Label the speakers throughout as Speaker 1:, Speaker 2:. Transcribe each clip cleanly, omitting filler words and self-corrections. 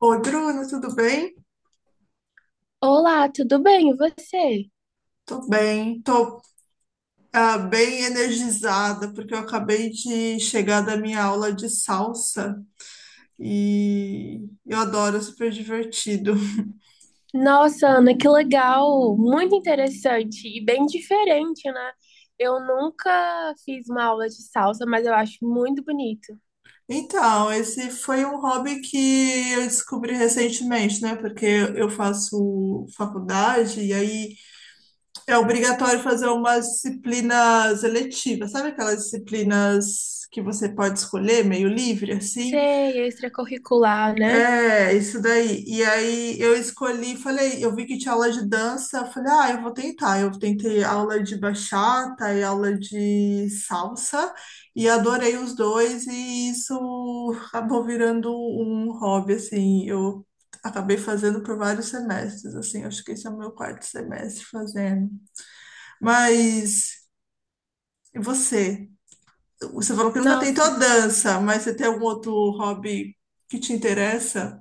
Speaker 1: Oi, Bruno, tudo bem?
Speaker 2: Olá, tudo bem? E você?
Speaker 1: Tô bem, tô bem energizada, porque eu acabei de chegar da minha aula de salsa e eu adoro, é super divertido.
Speaker 2: Nossa, Ana, que legal! Muito interessante e bem diferente, né? Eu nunca fiz uma aula de salsa, mas eu acho muito bonito.
Speaker 1: Então, esse foi um hobby que eu descobri recentemente, né? Porque eu faço faculdade e aí é obrigatório fazer umas disciplinas eletivas, sabe aquelas disciplinas que você pode escolher, meio livre, assim?
Speaker 2: Sei, extracurricular, né?
Speaker 1: É, isso daí. E aí eu escolhi, falei, eu vi que tinha aula de dança, eu falei, ah, eu vou tentar. Eu tentei aula de bachata e aula de salsa e adorei os dois e isso acabou virando um hobby, assim. Eu acabei fazendo por vários semestres, assim. Acho que esse é o meu quarto semestre fazendo. Mas e você? Você falou que nunca
Speaker 2: Nossa,
Speaker 1: tentou dança, mas você tem algum outro hobby que te interessa?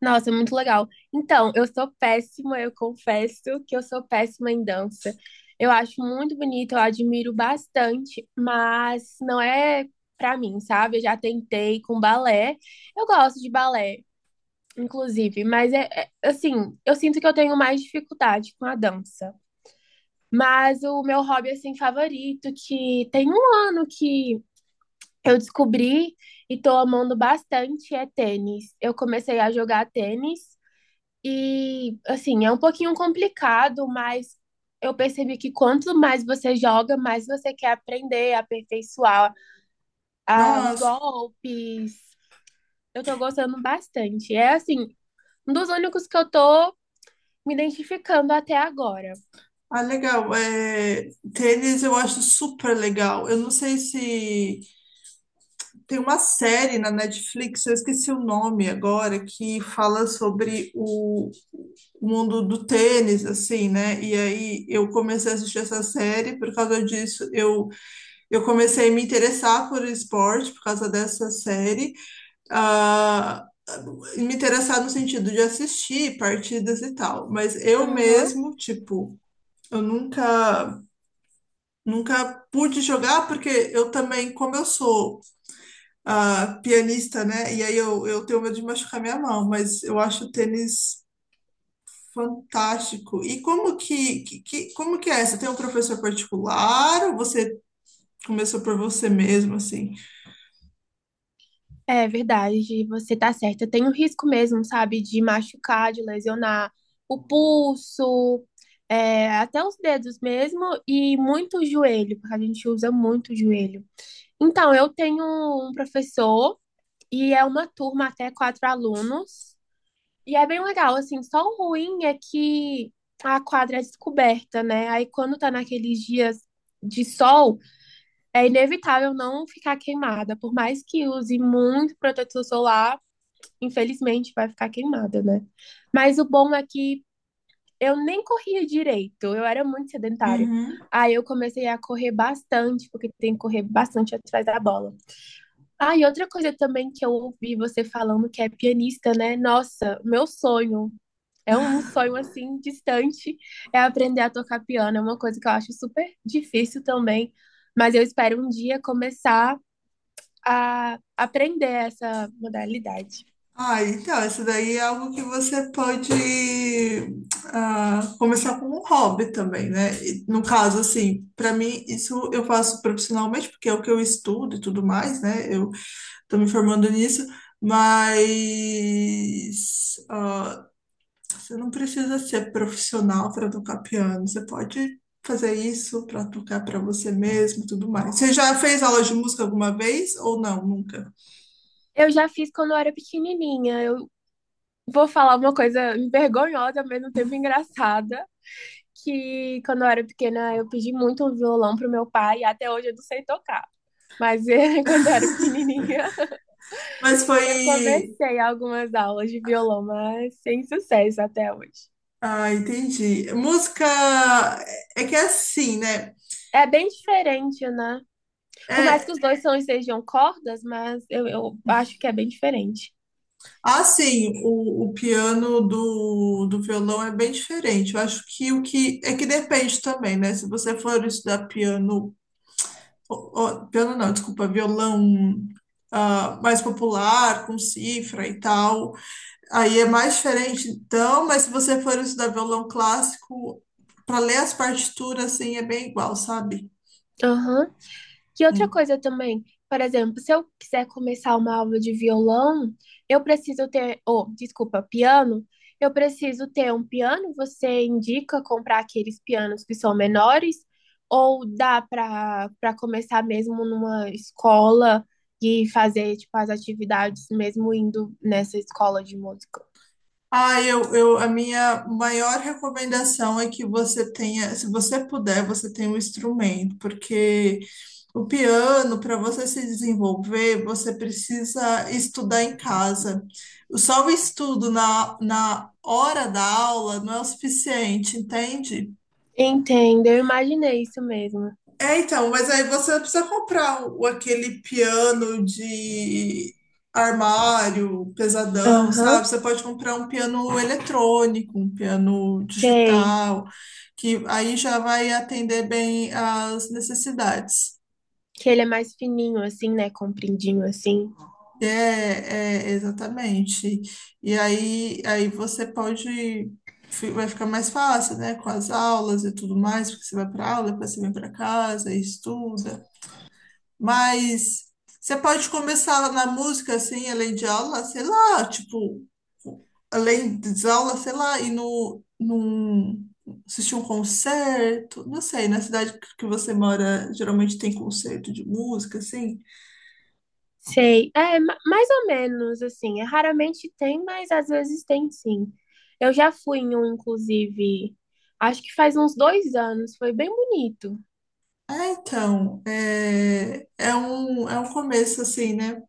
Speaker 2: nossa, muito legal. Então, eu sou péssima, eu confesso que eu sou péssima em dança. Eu acho muito bonito, eu admiro bastante, mas não é pra mim, sabe? Eu já tentei com balé. Eu gosto de balé, inclusive. Mas assim, eu sinto que eu tenho mais dificuldade com a dança. Mas o meu hobby, assim, favorito, que tem um ano que eu descobri e tô amando bastante, é tênis. Eu comecei a jogar tênis e, assim, é um pouquinho complicado, mas eu percebi que quanto mais você joga, mais você quer aprender, aperfeiçoar, ah, os
Speaker 1: Nossa.
Speaker 2: golpes. Eu tô gostando bastante. É, assim, um dos únicos que eu tô me identificando até agora.
Speaker 1: Ah, legal. É, tênis eu acho super legal. Eu não sei se tem uma série na Netflix, eu esqueci o nome agora, que fala sobre o mundo do tênis, assim, né? E aí eu comecei a assistir essa série, por causa disso eu comecei a me interessar por esporte, por causa dessa série. Ah, Me interessar no sentido de assistir partidas e tal, mas eu
Speaker 2: Aham.
Speaker 1: mesmo, tipo, eu nunca. Nunca pude jogar porque eu também, como eu sou pianista, né? E aí eu tenho medo de machucar minha mão, mas eu acho o tênis fantástico. E como que, como que é? Você tem um professor particular ou você começou por você mesmo, assim?
Speaker 2: É verdade, você tá certa. Tem o risco mesmo, sabe, de machucar, de lesionar o pulso, é, até os dedos mesmo, e muito o joelho, porque a gente usa muito o joelho. Então, eu tenho um professor e é uma turma até 4 alunos, e é bem legal, assim, só o ruim é que a quadra é descoberta, né? Aí quando tá naqueles dias de sol, é inevitável não ficar queimada. Por mais que use muito protetor solar, infelizmente vai ficar queimada, né? Mas o bom é que eu nem corria direito, eu era muito sedentária.
Speaker 1: Uhum.
Speaker 2: Aí eu comecei a correr bastante, porque tem que correr bastante atrás da bola. Ah, e outra coisa também que eu ouvi você falando que é pianista, né? Nossa, meu sonho. É um sonho assim distante, é aprender a tocar piano. É uma coisa que eu acho super difícil também, mas eu espero um dia começar a aprender essa modalidade.
Speaker 1: Ah, então, isso daí é algo que você pode começar como um hobby também, né? E, no caso, assim, para mim, isso eu faço profissionalmente, porque é o que eu estudo e tudo mais, né? Eu estou me formando nisso, mas você não precisa ser profissional para tocar piano. Você pode fazer isso para tocar para você mesmo, e tudo mais. Você já fez aula de música alguma vez ou não? Nunca.
Speaker 2: Eu já fiz quando eu era pequenininha. Eu vou falar uma coisa vergonhosa, ao mesmo tempo engraçada, que quando eu era pequena eu pedi muito um violão pro meu pai e até hoje eu não sei tocar. Mas quando eu era pequenininha,
Speaker 1: Mas
Speaker 2: eu
Speaker 1: foi.
Speaker 2: comecei algumas aulas de violão, mas sem sucesso até hoje.
Speaker 1: Ah, entendi. Música é que é assim, né?
Speaker 2: É bem diferente, né? Por mais que
Speaker 1: É.
Speaker 2: os dois são, sejam cordas, mas eu acho que é bem diferente.
Speaker 1: Ah, sim, o piano do violão é bem diferente. Eu acho que o que é que depende também, né? Se você for estudar piano, ó- ó, piano não, desculpa, violão mais popular, com cifra e tal, aí é mais diferente. Então, mas se você for estudar violão clássico, para ler as partituras, assim, é bem igual, sabe?
Speaker 2: Aham. Que outra
Speaker 1: Hum.
Speaker 2: coisa também, por exemplo, se eu quiser começar uma aula de violão, eu preciso ter, ou, desculpa, piano, eu preciso ter um piano, você indica comprar aqueles pianos que são menores, ou dá para começar mesmo numa escola e fazer tipo as atividades mesmo indo nessa escola de música.
Speaker 1: Ah, a minha maior recomendação é que você tenha, se você puder, você tenha um instrumento, porque o piano, para você se desenvolver, você precisa estudar em casa. Só o estudo na hora da aula não é o suficiente, entende?
Speaker 2: Entendo, eu imaginei isso mesmo.
Speaker 1: É, então, mas aí você não precisa comprar o, aquele piano de armário pesadão,
Speaker 2: Aham,
Speaker 1: sabe? Você pode comprar um piano eletrônico, um piano
Speaker 2: sei.
Speaker 1: digital, que aí já vai atender bem às necessidades.
Speaker 2: Que ele é mais fininho assim, né, compridinho assim.
Speaker 1: É, exatamente. E aí, você pode, vai ficar mais fácil, né? Com as aulas e tudo mais, porque você vai para aula, depois você vem para casa e estuda. Mas você pode começar na música, assim, além de aula, sei lá, tipo, além de aula, sei lá, e no, num, assistir um concerto, não sei, na cidade que você mora, geralmente tem concerto de música, assim.
Speaker 2: Sei. É, mais ou menos, assim. É, raramente tem, mas às vezes tem sim. Eu já fui em um, inclusive, acho que faz uns 2 anos. Foi bem bonito.
Speaker 1: Ah, então, é um começo, assim, né?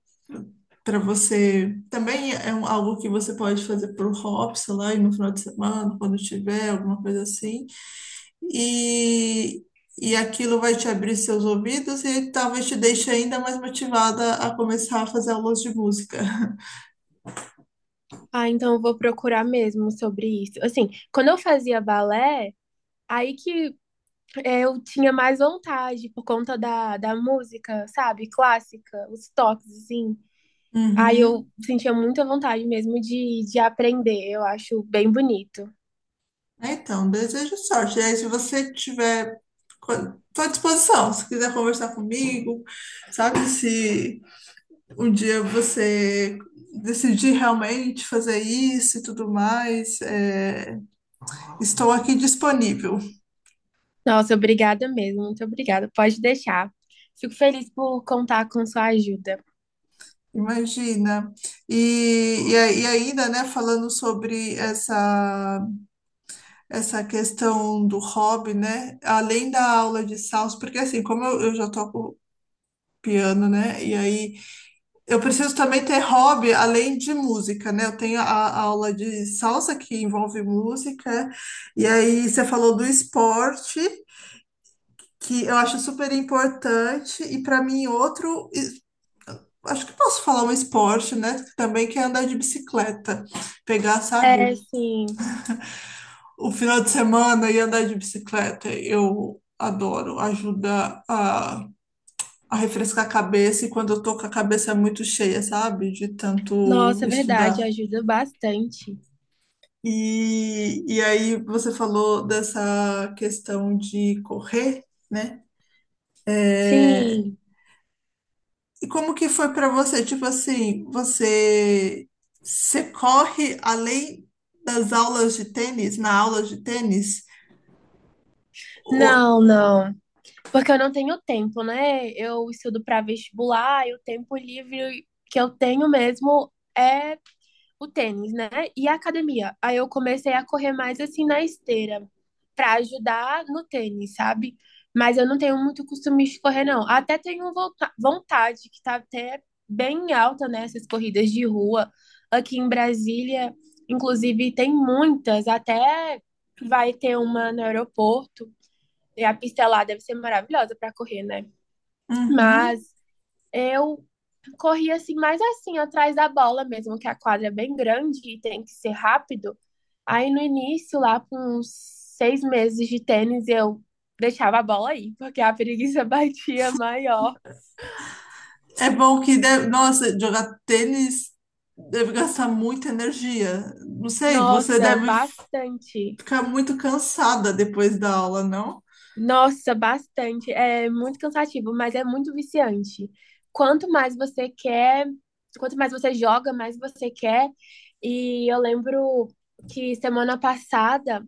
Speaker 1: Para você. Também é algo que você pode fazer pro hobby, sei lá, e no final de semana, quando tiver, alguma coisa assim. e, e aquilo vai te abrir seus ouvidos e talvez te deixe ainda mais motivada a começar a fazer aulas de música.
Speaker 2: Ah, então eu vou procurar mesmo sobre isso. Assim, quando eu fazia balé, aí que é, eu tinha mais vontade por conta da música, sabe? Clássica, os toques, assim. Aí eu
Speaker 1: Uhum.
Speaker 2: sentia muita vontade mesmo de aprender. Eu acho bem bonito.
Speaker 1: É. Então, desejo sorte. E aí, se você tiver, estou à disposição, se quiser conversar comigo, sabe? Se um dia você decidir realmente fazer isso e tudo mais, estou aqui disponível,
Speaker 2: Nossa, obrigada mesmo, muito obrigada. Pode deixar. Fico feliz por contar com sua ajuda.
Speaker 1: imagina. E ainda, né, falando sobre essa questão do hobby, né, além da aula de salsa, porque assim, como eu já toco piano, né, e aí eu preciso também ter hobby além de música, né, eu tenho a aula de salsa que envolve música, e aí você falou do esporte, que eu acho super importante, e para mim outro acho que posso falar um esporte, né? Também que é andar de bicicleta. Pegar, sabe,
Speaker 2: É, sim.
Speaker 1: o final de semana e andar de bicicleta. Eu adoro. Ajuda a refrescar a cabeça e quando eu tô com a cabeça muito cheia, sabe? De tanto
Speaker 2: Nossa, é verdade,
Speaker 1: estudar.
Speaker 2: ajuda bastante.
Speaker 1: E aí você falou dessa questão de correr, né? É.
Speaker 2: Sim.
Speaker 1: E como que foi para você? Tipo assim, você corre além das aulas de tênis, na aula de tênis? O-
Speaker 2: Não, não. Porque eu não tenho tempo, né? Eu estudo para vestibular e o tempo livre que eu tenho mesmo é o tênis, né? E a academia. Aí eu comecei a correr mais assim na esteira, pra ajudar no tênis, sabe? Mas eu não tenho muito costume de correr, não. Até tenho vontade, que tá até bem alta, né? Essas corridas de rua. Aqui em Brasília, inclusive, tem muitas. Até vai ter uma no aeroporto. E a pista lá deve ser maravilhosa pra correr, né?
Speaker 1: Uhum.
Speaker 2: Mas eu corria assim, mais assim, atrás da bola mesmo, que a quadra é bem grande e tem que ser rápido. Aí no início, lá com uns 6 meses de tênis, eu deixava a bola aí, porque a preguiça batia maior.
Speaker 1: É bom que deve, nossa, jogar tênis deve gastar muita energia. Não sei, você
Speaker 2: Nossa,
Speaker 1: deve
Speaker 2: bastante.
Speaker 1: ficar muito cansada depois da aula, não?
Speaker 2: Nossa, bastante. É muito cansativo, mas é muito viciante. Quanto mais você quer, quanto mais você joga, mais você quer. E eu lembro que semana passada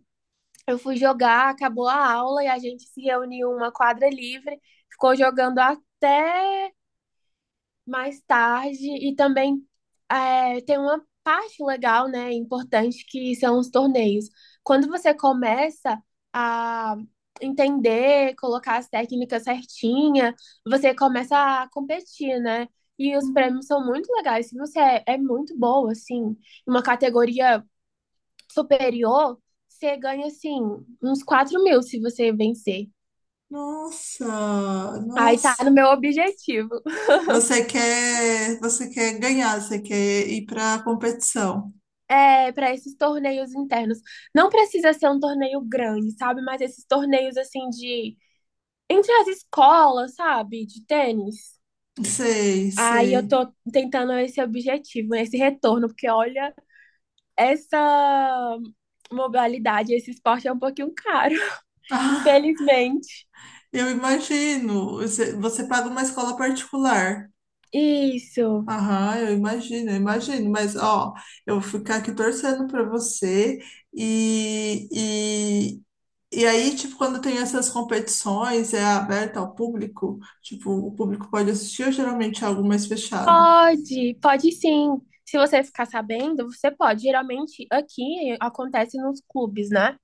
Speaker 2: eu fui jogar, acabou a aula e a gente se reuniu em uma quadra livre, ficou jogando até mais tarde e também é, tem uma parte legal, né, importante, que são os torneios. Quando você começa a entender, colocar as técnicas certinha, você começa a competir, né? E os
Speaker 1: Uhum.
Speaker 2: prêmios são muito legais. Se você é muito boa, assim, em uma categoria superior, você ganha, assim, uns 4.000 se você vencer.
Speaker 1: Nossa,
Speaker 2: Aí tá
Speaker 1: nossa.
Speaker 2: no meu objetivo,
Speaker 1: Você quer ganhar, você quer ir para competição.
Speaker 2: é, para esses torneios internos. Não precisa ser um torneio grande, sabe? Mas esses torneios, assim, de... Entre as escolas, sabe? De tênis.
Speaker 1: Sei,
Speaker 2: Aí
Speaker 1: sei.
Speaker 2: eu tô tentando esse objetivo, esse retorno, porque olha, essa modalidade, esse esporte é um pouquinho caro, infelizmente.
Speaker 1: Eu imagino. Você paga uma escola particular.
Speaker 2: Isso.
Speaker 1: Aham, eu imagino, eu imagino. Mas, ó, eu vou ficar aqui torcendo para você. E, e, e aí, tipo, quando tem essas competições, é aberta ao público? Tipo, o público pode assistir ou geralmente é algo mais fechado?
Speaker 2: Pode, pode sim. Se você ficar sabendo, você pode. Geralmente aqui acontece nos clubes, né?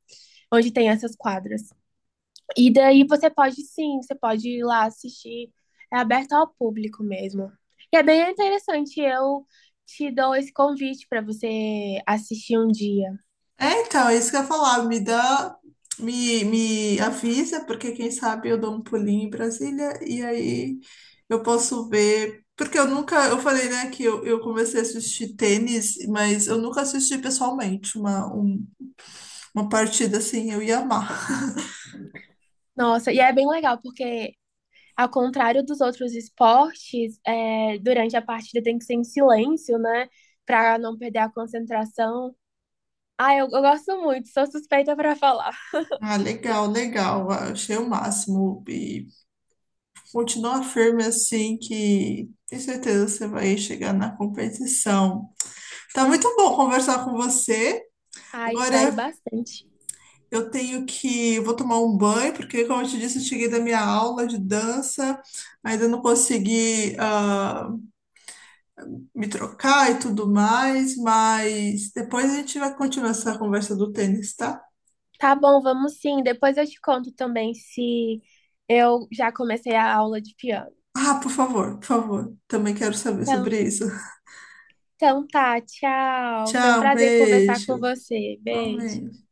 Speaker 2: Onde tem essas quadras. E daí você pode sim, você pode ir lá assistir. É aberto ao público mesmo. E é bem interessante. Eu te dou esse convite para você assistir um dia.
Speaker 1: É, então, é isso que eu ia falar. Me dá, me avisa, porque quem sabe eu dou um pulinho em Brasília e aí eu posso ver. Porque eu nunca, eu falei, né, que eu comecei a assistir tênis, mas eu nunca assisti pessoalmente uma partida assim, eu ia amar.
Speaker 2: Nossa, e é bem legal, porque ao contrário dos outros esportes, é, durante a partida tem que ser em silêncio, né? Para não perder a concentração. Ah, eu gosto muito, sou suspeita pra falar.
Speaker 1: Ah, legal, legal. Ah, achei o máximo. E continua firme assim, que tenho certeza que você vai chegar na competição. Tá muito bom conversar com você.
Speaker 2: Ah, espero
Speaker 1: Agora
Speaker 2: bastante.
Speaker 1: eu tenho que. Vou tomar um banho, porque, como eu te disse, eu cheguei da minha aula de dança, ainda não consegui, me trocar e tudo mais, mas depois a gente vai continuar essa conversa do tênis, tá?
Speaker 2: Tá bom, vamos sim. Depois eu te conto também se eu já comecei a aula de piano.
Speaker 1: Ah, por favor, por favor. Também quero saber
Speaker 2: Então,
Speaker 1: sobre isso.
Speaker 2: então tá, tchau. Foi um
Speaker 1: Tchau,
Speaker 2: prazer conversar
Speaker 1: beijo.
Speaker 2: com você. Beijo.
Speaker 1: Igualmente.